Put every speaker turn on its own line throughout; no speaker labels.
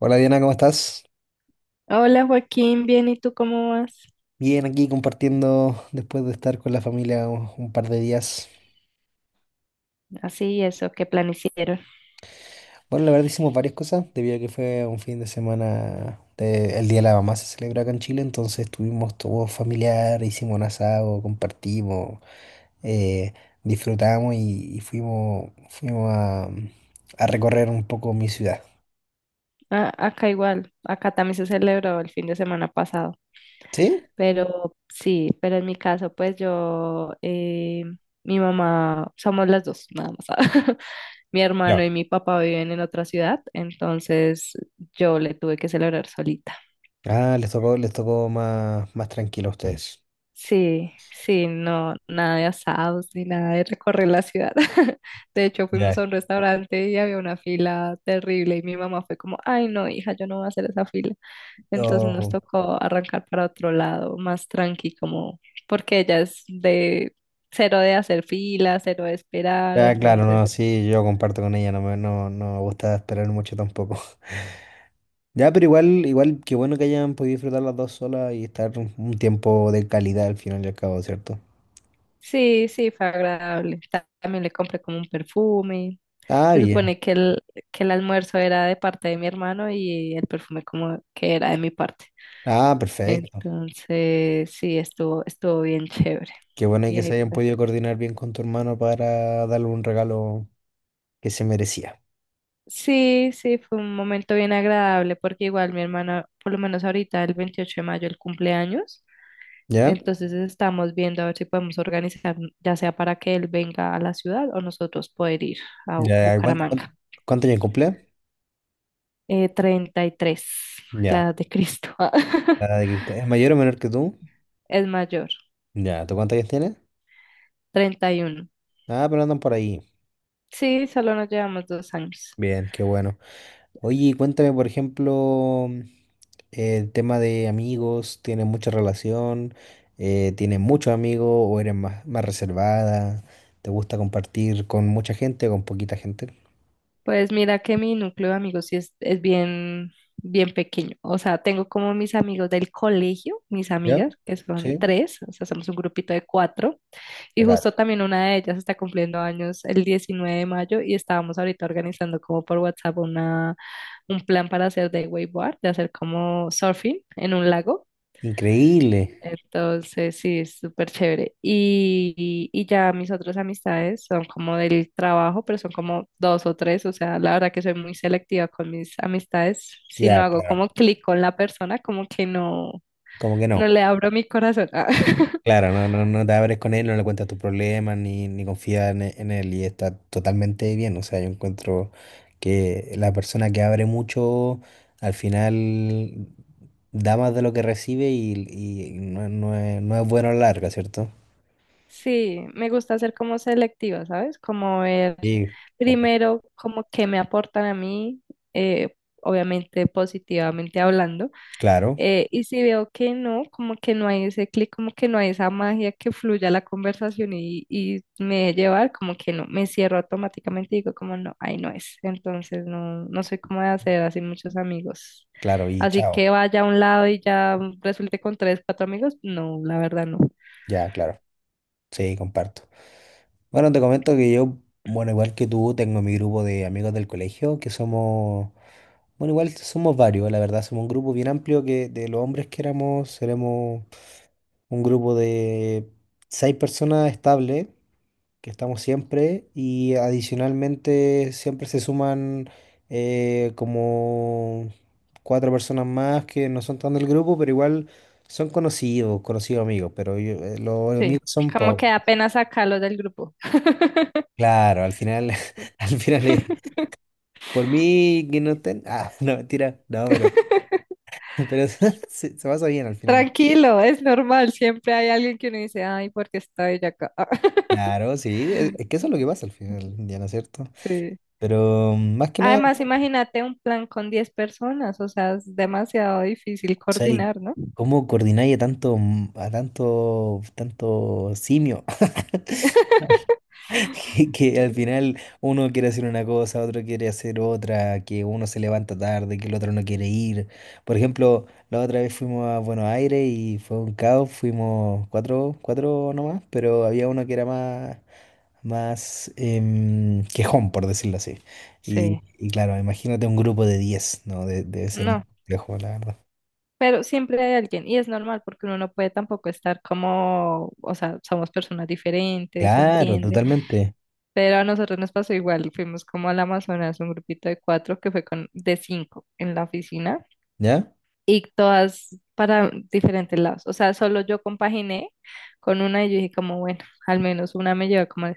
Hola Diana, ¿cómo estás?
Hola Joaquín, bien, ¿y tú cómo vas?
Bien, aquí compartiendo después de estar con la familia un par de días.
Así, eso, ¿qué plan hicieron?
Bueno, la verdad hicimos varias cosas, debido a que fue un fin de semana, el Día de la Mamá se celebra acá en Chile, entonces estuvimos todo familiar, hicimos un asado, compartimos, eh, disfrutamos y fuimos, fuimos a recorrer un poco mi ciudad.
Ah, acá igual, acá también se celebró el fin de semana pasado,
¿Sí?
pero sí, pero en mi caso, pues yo, mi mamá, somos las dos, nada más. Mi
Ya.
hermano y mi papá viven en otra ciudad, entonces yo le tuve que celebrar solita.
Ah, les tocó más tranquilo a ustedes.
Sí, sí, no, nada de asados ni nada de recorrer la ciudad. De hecho, fuimos
Ya.
a un restaurante y había una fila terrible y mi mamá fue como, ay, no, hija, yo no voy a hacer esa fila. Entonces nos
Oh.
tocó arrancar para otro lado, más tranqui, como, porque ella es de cero de hacer fila, cero de esperar,
Ya, claro,
entonces
no, sí, yo comparto con ella, no me gusta esperar mucho tampoco. Ya, pero igual, igual, qué bueno que hayan podido disfrutar las dos solas y estar un tiempo de calidad al final y al cabo, ¿cierto?
sí, sí, fue agradable. También le compré como un perfume.
Ah,
Se
bien.
supone que el, almuerzo era de parte de mi hermano y el perfume como que era de mi parte.
Ah, perfecto.
Entonces, sí, estuvo bien chévere.
Qué bueno
Y
que
ahí
se hayan
pues.
podido coordinar bien con tu hermano para darle un regalo que se merecía.
Sí, sí, fue un momento bien agradable porque igual mi hermana, por lo menos ahorita el 28 de mayo, el cumpleaños,
¿Ya?
entonces estamos viendo a ver si podemos organizar, ya sea para que él venga a la ciudad o nosotros poder ir a
Ya,
Bucaramanga.
¿cuánto años cumple?
33, la
Ya.
edad de Cristo.
Ah, ¿es mayor o menor que tú?
Es mayor.
Ya, ¿tú cuántos años tienes?
31.
Ah, pero andan por ahí.
Sí, solo nos llevamos 2 años.
Bien, qué bueno. Oye, y cuéntame, por ejemplo, el tema de amigos, ¿tienes mucha relación? ¿Tienes muchos amigos o eres más reservada? ¿Te gusta compartir con mucha gente o con poquita gente?
Pues mira que mi núcleo de amigos sí es bien, bien pequeño. O sea, tengo como mis amigos del colegio, mis
¿Ya?
amigas, que son
Sí.
tres, o sea, somos un grupito de cuatro. Y
Impecable.
justo también una de ellas está cumpliendo años el 19 de mayo y estábamos ahorita organizando como por WhatsApp una, un plan para hacer de wakeboard, de hacer como surfing en un lago.
Increíble.
Entonces, sí, es súper chévere. Y ya mis otras amistades son como del trabajo, pero son como dos o tres. O sea, la verdad que soy muy selectiva con mis amistades. Si no
Ya,
hago
claro.
como clic con la persona, como que no,
Como que
no
no.
le abro mi corazón. Ah.
Claro, no, no, no te abres con él, no le cuentas tus problemas, ni confías en él, y está totalmente bien. O sea, yo encuentro que la persona que abre mucho, al final da más de lo que recibe y no, no es bueno a la larga, ¿cierto?
Sí, me gusta ser como selectiva, ¿sabes? Como ver
Sí, compa.
primero como qué me aportan a mí, eh, obviamente positivamente hablando.
Claro,
Y si veo que no, como que no hay ese clic, como que no hay esa magia que fluya la conversación y me deje llevar, como que no, me cierro automáticamente y digo como no, ahí no es. Entonces no, no soy como de hacer así muchos amigos.
claro, y
Así
chao.
que vaya a un lado y ya resulte con tres, cuatro amigos, no, la verdad no.
Ya, claro. Sí, comparto. Bueno, te comento que yo, bueno, igual que tú, tengo mi grupo de amigos del colegio, que somos. Bueno, igual somos varios, la verdad, somos un grupo bien amplio que de los hombres que éramos, seremos un grupo de seis personas estables, que estamos siempre, y adicionalmente siempre se suman como cuatro personas más que no son tan del grupo, pero igual son conocidos, conocidos amigos, pero los
Sí,
amigos son
como
pocos.
que apenas sacarlos del grupo.
Claro, al final, al final es por mí que no estén, ah, no, mentira, no, pero, pero se pasa bien al final.
Tranquilo, es normal, siempre hay alguien que uno dice, ay, porque está ella acá.
Claro, sí, es que eso es lo que pasa al final, del día, ¿no es ¿cierto?
Sí.
Pero más que nada, o
Además, imagínate un plan con 10 personas, o sea, es demasiado difícil
sea, y
coordinar, ¿no?
¿cómo coordináis a tanto, tanto simio? Que
Sí.
al final uno quiere hacer una cosa, otro quiere hacer otra, que uno se levanta tarde, que el otro no quiere ir. Por ejemplo, la otra vez fuimos a Buenos Aires y fue un caos, fuimos cuatro, cuatro nomás, pero había uno que era más. Más quejón, por decirlo así.
Sí,
Y claro, imagínate un grupo de 10 ¿no? Debe ser muy
no,
complejo, la verdad.
pero siempre hay alguien y es normal porque uno no puede tampoco estar como, o sea, somos personas diferentes, se
Claro,
entiende,
totalmente.
pero a nosotros nos pasó igual, fuimos como al Amazonas, un grupito de cuatro que fue con, de cinco en la oficina
¿Ya?
y todas para diferentes lados. O sea, solo yo compaginé con una y yo dije como, bueno, al menos una me lleva como...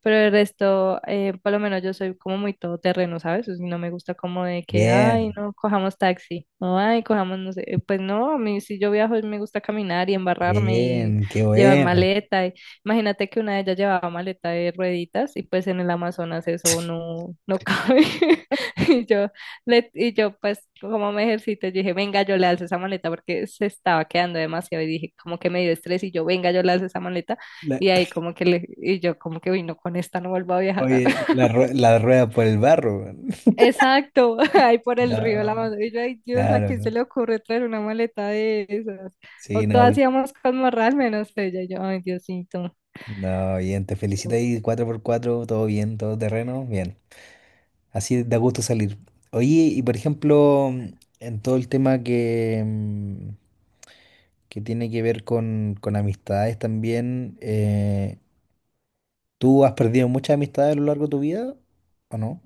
Pero el resto, por lo menos yo soy como muy todoterreno, ¿sabes? O sea, no me gusta como de que, ay,
Bien,
no, cojamos taxi, o ay, cojamos, no sé, pues no, a mí si yo viajo me gusta caminar y embarrarme y
bien, qué
llevar
bueno.
maleta. Imagínate que una de ellas llevaba maleta de rueditas y pues en el Amazonas eso no, cabe. Y yo, y yo, pues, como me ejercito, yo dije, venga, yo le alzo esa maleta porque se estaba quedando demasiado. Y dije, como que me dio estrés. Y yo, venga, yo le alzo esa maleta.
La-
Y ahí, como que le, y yo, como que vino con esta, no vuelvo a viajar.
Oye, la rueda por el barro. Weón.
Exacto, ahí por el río de la
No,
mano. Y yo, ay, Dios, ¿a
claro,
quién se
¿no?
le ocurre traer una maleta de esas? O
Sí,
todas íbamos con morral, menos ella. Y yo, ay, Diosito.
no, bien, te felicito ahí, cuatro por cuatro todo bien, todo terreno, bien. Así da gusto salir. Oye, y por ejemplo, en todo el tema que tiene que ver con amistades también. ¿Tú has perdido muchas amistades a lo largo de tu vida o no?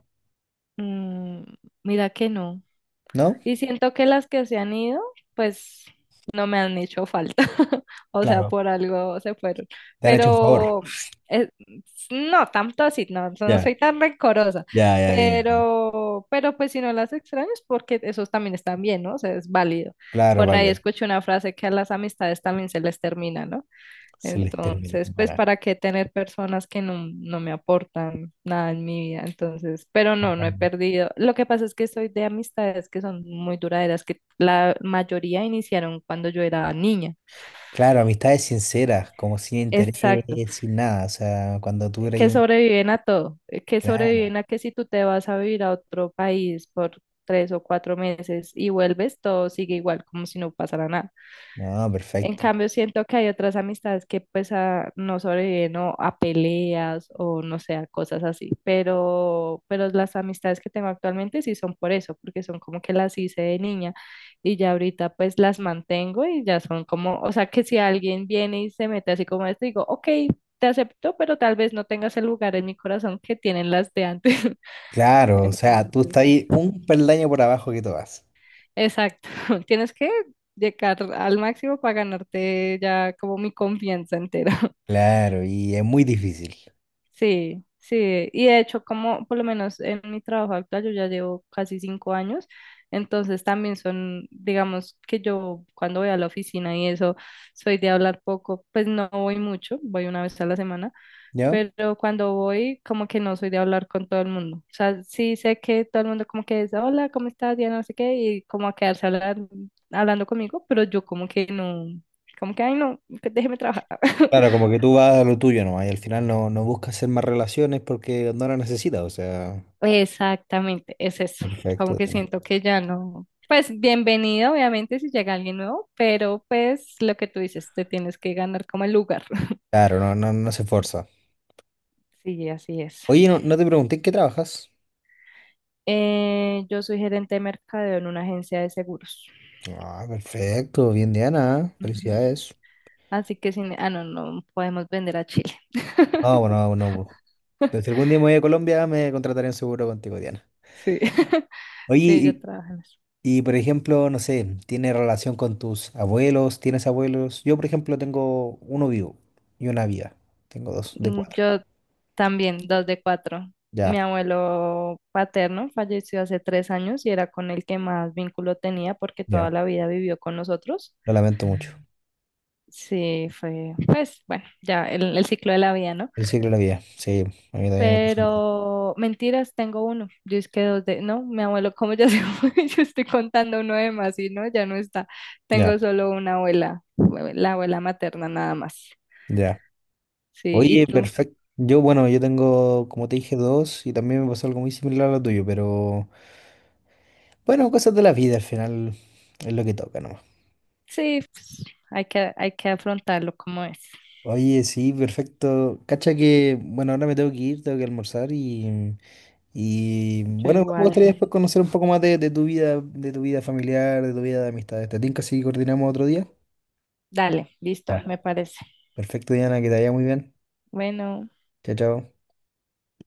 mm, Mira que no.
¿No?
Y siento que las que se han ido, pues no me han hecho falta. O sea,
Claro.
por algo se fueron.
¿Te han hecho un favor?
Pero eh, no, tanto así, no, no
Ya,
soy tan rencorosa.
ya, ya, bien.
Pero pues si no las extrañas, porque esos también están bien, ¿no? O sea, es válido.
Claro,
Por ahí
vale.
escuché una frase que a las amistades también se les termina, ¿no?
Se les termina.
Entonces, pues,
Para.
¿para qué tener personas que no, no, me aportan nada en mi vida? Entonces, pero no he
Totalmente.
perdido. Lo que pasa es que soy de amistades que son muy duraderas, que la mayoría iniciaron cuando yo era niña.
Claro, amistades sinceras, como sin
Exacto,
interés, sin nada. O sea, cuando tú eres
que
un.
sobreviven a todo, que sobreviven
Claro,
a que si tú te vas a vivir a otro país por 3 o 4 meses y vuelves, todo sigue igual, como si no pasara nada.
no,
En
perfecto.
cambio, siento que hay otras amistades que pues no sobreviven o a peleas o no sé, a cosas así, pero las amistades que tengo actualmente sí son por eso, porque son como que las hice de niña y ya ahorita pues las mantengo y ya son como, o sea que si alguien viene y se mete así como esto, digo, ok, te acepto, pero tal vez no tengas el lugar en mi corazón que tienen las de antes.
Claro, o sea, tú
Entonces,
estás ahí un peldaño por abajo que tú vas.
exacto, tienes que llegar al máximo para ganarte ya como mi confianza entera.
Claro, y es muy difícil.
Sí, sí, y de hecho, como por lo menos en mi trabajo actual, yo ya llevo casi 5 años, entonces también son, digamos que yo cuando voy a la oficina y eso, soy de hablar poco, pues no voy mucho, voy una vez a la semana,
¿No?
pero cuando voy, como que no soy de hablar con todo el mundo, o sea, sí sé que todo el mundo como que dice, hola, ¿cómo estás? Ya no sé qué, y como a quedarse hablando conmigo, pero yo como que no, como que, ay, no, déjeme trabajar.
Claro, como que tú vas a lo tuyo nomás y al final no, no buscas hacer más relaciones porque no las necesitas, o sea,
Exactamente, es eso. Como
perfecto,
que
Diana.
siento que ya no. Pues bienvenido, obviamente, si llega alguien nuevo, pero pues lo que tú dices, te tienes que ganar como el lugar.
Claro, no, no, no se esfuerza.
Sí, así es.
Oye, no, no te pregunté en qué trabajas.
Yo soy gerente de mercadeo en una agencia de seguros.
Ah, perfecto, bien, Diana, ¿eh?
Ujú.
Felicidades.
Así que sin, ah, no, podemos vender a Chile.
Ah, bueno, bueno, pues, pues si algún día me voy a Colombia me contrataré en seguro contigo, Diana.
Sí,
Oye,
sí, yo trabajo en eso.
y, por ejemplo, no sé, ¿tiene relación con tus abuelos? ¿Tienes abuelos? Yo, por ejemplo, tengo uno vivo y una viva. Tengo dos de
Mm,
cuatro.
yo también, dos de cuatro.
Ya,
Mi abuelo paterno falleció hace 3 años y era con el que más vínculo tenía porque toda
ya,
la vida vivió con nosotros.
lo lamento mucho.
Sí, fue, pues, bueno, ya el ciclo de la vida, ¿no?
El ciclo de la vida, sí, a mí también me pasó.
Pero mentiras, tengo uno. ¿Yo es que dos de, no, mi abuelo, como ya se fue? Yo estoy contando uno de más y no, ya no está. Tengo
Ya,
solo una abuela, la abuela materna nada más.
ya.
Sí, ¿y
Oye,
tú?
perfecto. Yo, bueno, yo tengo, como te dije, dos y también me pasó algo muy similar a lo tuyo, pero bueno, cosas de la vida al final es lo que toca nomás.
Sí, pues, hay que, afrontarlo como es.
Oye, sí, perfecto. Cacha que, bueno, ahora me tengo que ir, tengo que almorzar y
Yo
bueno, igual me
igual.
gustaría después conocer un poco más de tu vida familiar, de tu vida de amistades. ¿Te tinca si coordinamos otro día?
Dale, listo,
Ya.
me parece.
Perfecto, Diana, que te vaya muy bien.
Bueno.
Chao, chao.